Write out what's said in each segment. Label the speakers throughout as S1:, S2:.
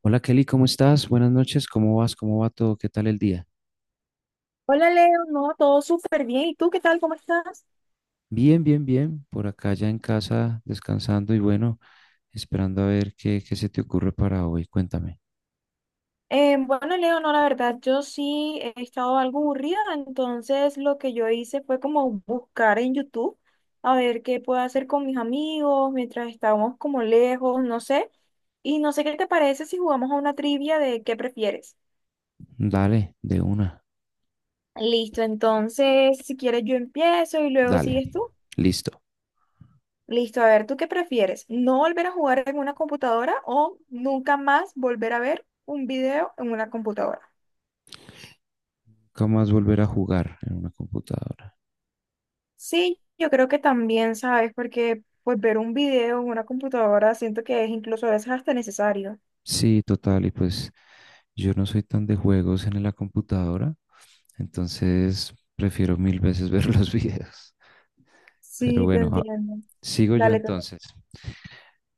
S1: Hola Kelly, ¿cómo estás? Buenas noches, ¿cómo vas? ¿Cómo va todo? ¿Qué tal el día?
S2: Hola Leo, no, todo súper bien. ¿Y tú qué tal? ¿Cómo estás?
S1: Bien, bien, bien. Por acá ya en casa, descansando y bueno, esperando a ver qué se te ocurre para hoy. Cuéntame.
S2: Bueno, Leo, no, la verdad, yo sí he estado algo aburrida, entonces lo que yo hice fue como buscar en YouTube a ver qué puedo hacer con mis amigos mientras estábamos como lejos, no sé. Y no sé qué te parece si jugamos a una trivia de qué prefieres.
S1: Dale, de una.
S2: Listo, entonces si quieres yo empiezo y luego
S1: Dale,
S2: sigues tú.
S1: listo.
S2: Listo, a ver, ¿tú qué prefieres? ¿No volver a jugar en una computadora o nunca más volver a ver un video en una computadora?
S1: Nunca más volver a jugar en una computadora.
S2: Sí, yo creo que también, ¿sabes? Porque pues ver un video en una computadora siento que es incluso a veces hasta necesario.
S1: Sí, total, y pues yo no soy tan de juegos en la computadora, entonces prefiero mil veces ver los videos. Pero
S2: Sí, te
S1: bueno,
S2: entiendo.
S1: sigo yo
S2: Dale.
S1: entonces.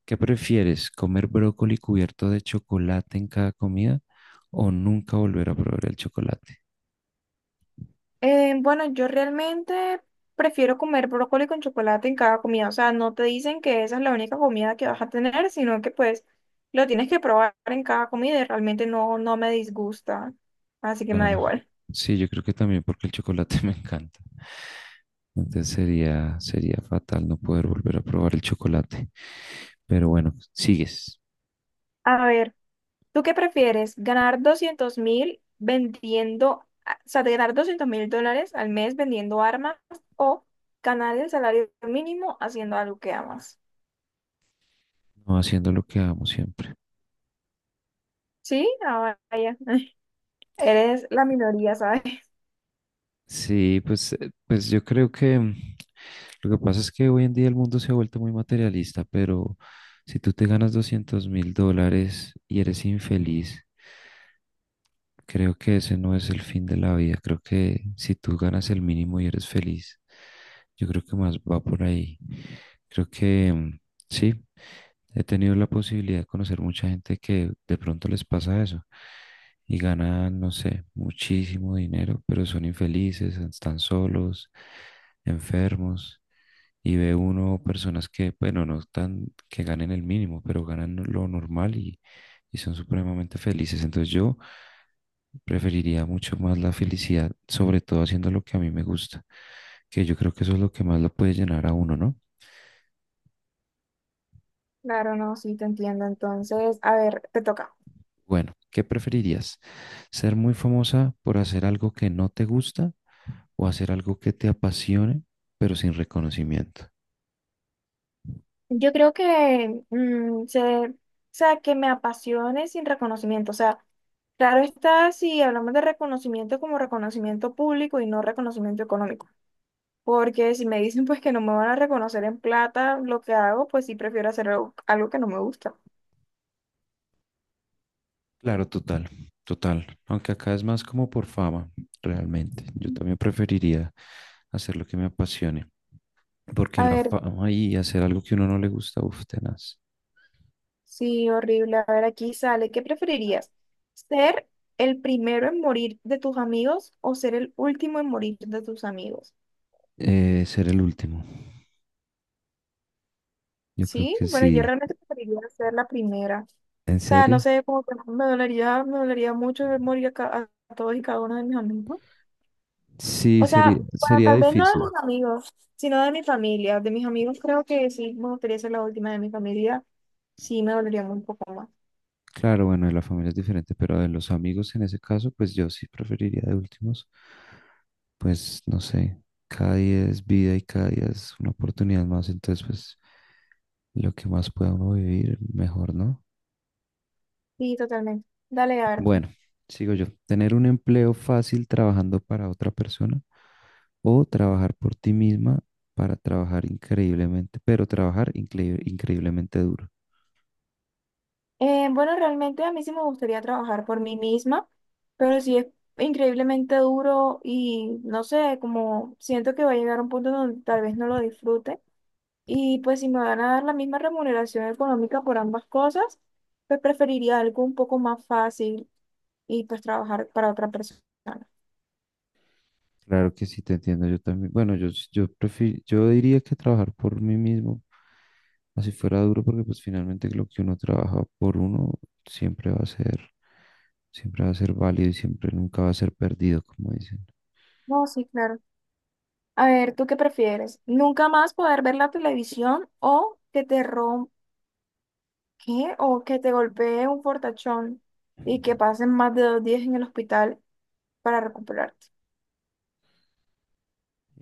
S1: ¿Qué prefieres? ¿Comer brócoli cubierto de chocolate en cada comida o nunca volver a probar el chocolate?
S2: Bueno, yo realmente prefiero comer brócoli con chocolate en cada comida. O sea, no te dicen que esa es la única comida que vas a tener, sino que pues lo tienes que probar en cada comida y realmente no, no me disgusta. Así que me da
S1: Claro.
S2: igual.
S1: Sí, yo creo que también porque el chocolate me encanta. Entonces sería fatal no poder volver a probar el chocolate. Pero bueno, sigues,
S2: A ver, ¿tú qué prefieres? ¿Ganar 200.000 vendiendo, o sea, de ganar $200.000 al mes vendiendo armas o ganar el salario mínimo haciendo algo que amas?
S1: no haciendo lo que amo siempre.
S2: Sí, ah, vaya. Eres la minoría, ¿sabes?
S1: Sí, pues, pues yo creo que lo que pasa es que hoy en día el mundo se ha vuelto muy materialista, pero si tú te ganas $200.000 y eres infeliz, creo que ese no es el fin de la vida. Creo que si tú ganas el mínimo y eres feliz, yo creo que más va por ahí. Creo que sí, he tenido la posibilidad de conocer mucha gente que de pronto les pasa eso y ganan, no sé, muchísimo dinero, pero son infelices, están solos, enfermos. Y ve uno personas que, bueno, no están, que ganen el mínimo, pero ganan lo normal y son supremamente felices. Entonces yo preferiría mucho más la felicidad, sobre todo haciendo lo que a mí me gusta, que yo creo que eso es lo que más lo puede llenar a uno, ¿no?
S2: Claro, no, sí te entiendo. Entonces, a ver, te toca.
S1: Bueno, ¿qué preferirías? ¿Ser muy famosa por hacer algo que no te gusta o hacer algo que te apasione, pero sin reconocimiento?
S2: Yo creo que o sea, que me apasione sin reconocimiento. O sea, claro está si hablamos de reconocimiento como reconocimiento público y no reconocimiento económico. Porque si me dicen pues que no me van a reconocer en plata lo que hago, pues sí prefiero hacer algo que no me gusta.
S1: Claro, total, total. Aunque acá es más como por fama, realmente. Yo también preferiría hacer lo que me apasione, porque
S2: A
S1: la
S2: ver,
S1: fama y hacer algo que uno no le gusta, uf, tenaz.
S2: sí, horrible. A ver, aquí sale. ¿Qué preferirías? ¿Ser el primero en morir de tus amigos o ser el último en morir de tus amigos?
S1: Ser el último. Yo creo
S2: Sí,
S1: que
S2: bueno, yo
S1: sí.
S2: realmente preferiría ser la primera. O
S1: ¿En
S2: sea, no
S1: serio?
S2: sé, como que me dolería mucho ver morir a todos y cada uno de mis amigos.
S1: Sí,
S2: O sea, bueno,
S1: sería
S2: tal vez no de
S1: difícil.
S2: mis amigos, sino de mi familia. De mis amigos creo que sí me gustaría ser la última de mi familia. Sí, me dolería un poco más.
S1: Claro, bueno, de la familia es diferente, pero de los amigos en ese caso, pues yo sí preferiría de últimos, pues no sé, cada día es vida y cada día es una oportunidad más, entonces pues lo que más pueda uno vivir, mejor, ¿no?
S2: Sí, totalmente. Dale, a ver. Tú.
S1: Bueno, sigo yo. Tener un empleo fácil trabajando para otra persona o trabajar por ti misma para trabajar increíblemente, pero trabajar increíblemente duro.
S2: Bueno, realmente a mí sí me gustaría trabajar por mí misma, pero sí es increíblemente duro y no sé, como siento que va a llegar un punto donde tal vez no lo disfrute. Y pues si me van a dar la misma remuneración económica por ambas cosas, pues preferiría algo un poco más fácil y pues trabajar para otra persona.
S1: Claro que sí, te entiendo. Yo también, bueno, yo prefiero, yo diría que trabajar por mí mismo, así fuera duro, porque pues finalmente lo que uno trabaja por uno siempre va a ser, siempre va a ser válido y siempre nunca va a ser perdido, como dicen.
S2: No, sí, claro. A ver, ¿tú qué prefieres? ¿Nunca más poder ver la televisión o que te rom ¿qué? O que te golpee un fortachón y que pasen más de 2 días en el hospital para recuperarte?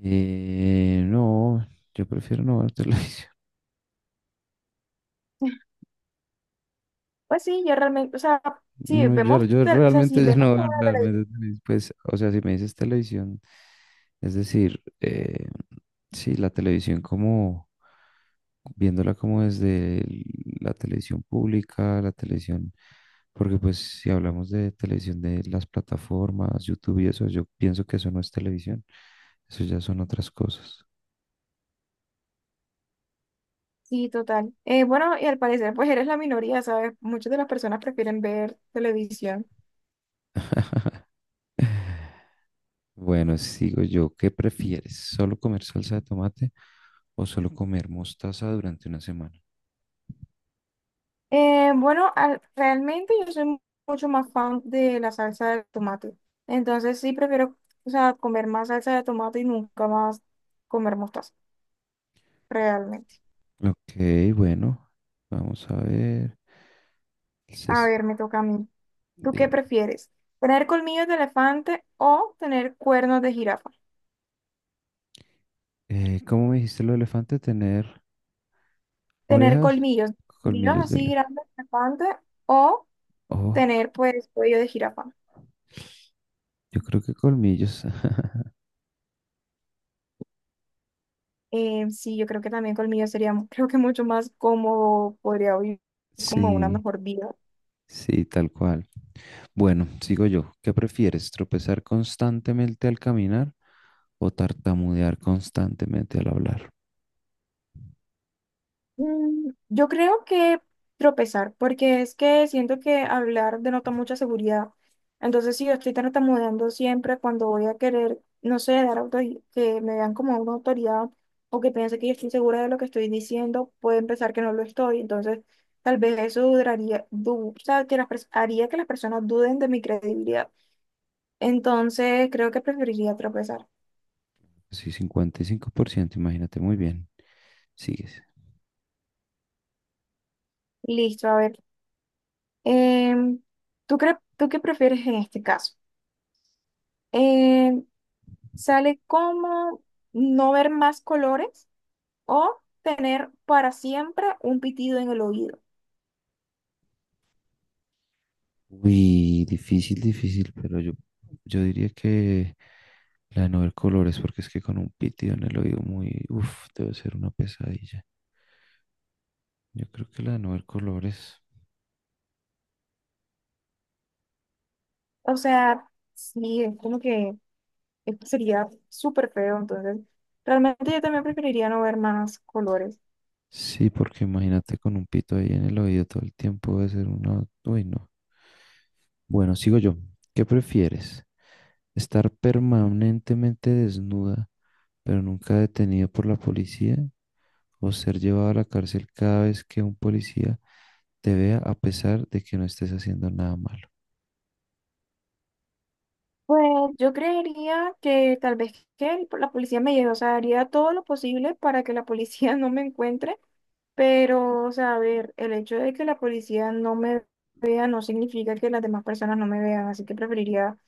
S1: No, yo prefiero no ver televisión.
S2: Pues sí, yo realmente,
S1: No, yo
S2: o sea, si
S1: realmente ya
S2: vemos
S1: no veo
S2: toda la.
S1: realmente, tenis, pues, o sea, si me dices televisión, es decir, sí, la televisión viéndola como la televisión pública, la televisión, porque pues si hablamos de televisión de las plataformas, YouTube y eso, yo pienso que eso no es televisión, eso ya son otras cosas.
S2: Sí, total. Bueno, y al parecer, pues eres la minoría, ¿sabes? Muchas de las personas prefieren ver televisión.
S1: Bueno, sigo yo, ¿qué prefieres? ¿Solo comer salsa de tomate o solo comer mostaza durante una semana?
S2: Bueno, realmente yo soy mucho más fan de la salsa de tomate. Entonces sí prefiero, o sea, comer más salsa de tomate y nunca más comer mostaza, realmente.
S1: Ok, bueno, vamos a ver.
S2: A
S1: Ses-
S2: ver, me toca a mí. ¿Tú qué
S1: di-
S2: prefieres? ¿Tener colmillos de elefante o tener cuernos de jirafa?
S1: ¿Cómo me dijiste lo de elefante? Tener
S2: Tener
S1: orejas,
S2: colmillos
S1: colmillos de
S2: así
S1: elefante.
S2: grandes de elefante o
S1: Oh,
S2: tener, pues, cuello de jirafa.
S1: yo creo que colmillos.
S2: Sí, yo creo que también conmigo sería, creo que mucho más cómodo, podría vivir como una
S1: Sí,
S2: mejor vida.
S1: sí, tal cual. Bueno, sigo yo. ¿Qué prefieres? ¿Tropezar constantemente al caminar o tartamudear constantemente al hablar?
S2: Yo creo que tropezar, porque es que siento que hablar denota mucha seguridad. Entonces, si yo estoy tartamudeando siempre cuando voy a querer, no sé, dar que me vean como una autoridad o que piense que yo estoy segura de lo que estoy diciendo, puede pensar que no lo estoy. Entonces, tal vez eso duraría, o sea, haría que las personas duden de mi credibilidad. Entonces, creo que preferiría tropezar.
S1: Sí, 55%. Imagínate muy bien. Sigues.
S2: Listo, a ver. Em, ¿tú qué prefieres en este caso? Em, ¿Sale como no ver más colores o tener para siempre un pitido en el oído?
S1: Uy, difícil, difícil, pero yo diría que la de no ver colores, porque es que con un pitido en el oído muy, uff, debe ser una pesadilla. Yo creo que la de no ver colores,
S2: O sea, sí, es como que esto sería súper feo. Entonces, realmente yo también preferiría no ver más colores.
S1: sí, porque imagínate con un pito ahí en el oído todo el tiempo debe ser una, uy, no. Bueno, sigo yo. ¿Qué prefieres? ¿Estar permanentemente desnuda, pero nunca detenida por la policía? ¿O ser llevada a la cárcel cada vez que un policía te vea a pesar de que no estés haciendo nada malo?
S2: Pues yo creería que tal vez que la policía me lleve, o sea, haría todo lo posible para que la policía no me encuentre, pero, o sea, a ver, el hecho de que la policía no me vea no significa que las demás personas no me vean, así que preferiría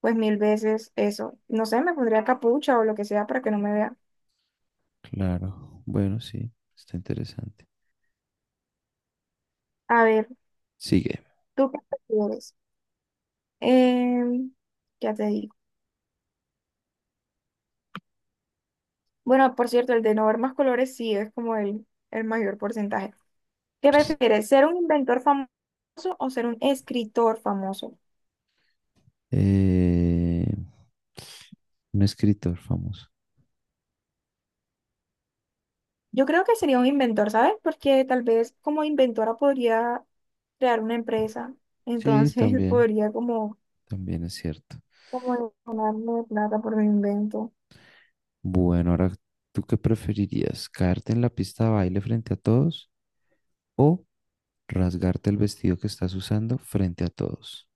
S2: pues mil veces eso. No sé, me pondría capucha o lo que sea para que no me vean.
S1: Claro, bueno, sí, está interesante.
S2: A ver,
S1: Sigue.
S2: ¿tú qué prefieres? Em, ya te digo. Bueno, por cierto, el de no ver más colores sí es como el mayor porcentaje. ¿Qué prefieres, ser un inventor famoso o ser un escritor famoso?
S1: Eh, un escritor famoso.
S2: Yo creo que sería un inventor, ¿sabes? Porque tal vez como inventora podría crear una empresa,
S1: Sí,
S2: entonces
S1: también,
S2: podría como,
S1: también es cierto.
S2: como ganarme plata por mi invento.
S1: Bueno, ahora, ¿tú qué preferirías? ¿Caerte en la pista de baile frente a todos o rasgarte el vestido que estás usando frente a todos?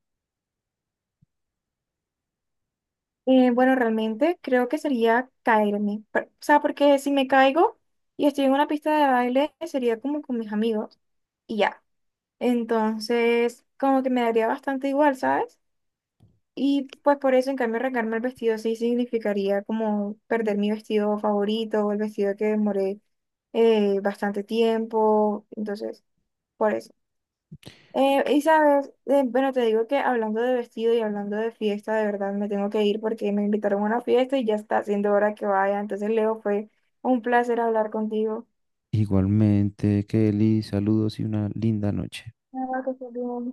S2: Bueno, realmente creo que sería caerme, o sea, porque si me caigo y estoy en una pista de baile, sería como con mis amigos y ya. Entonces, como que me daría bastante igual, ¿sabes? Y pues por eso, en cambio, arrancarme el vestido sí significaría como perder mi vestido favorito o el vestido que demoré bastante tiempo. Entonces, por eso. Y sabes, bueno, te digo que hablando de vestido y hablando de fiesta, de verdad me tengo que ir porque me invitaron a una fiesta y ya está siendo hora que vaya. Entonces, Leo, fue un placer hablar contigo.
S1: Igualmente, Kelly, saludos y una linda noche.
S2: Ah, que estés bien.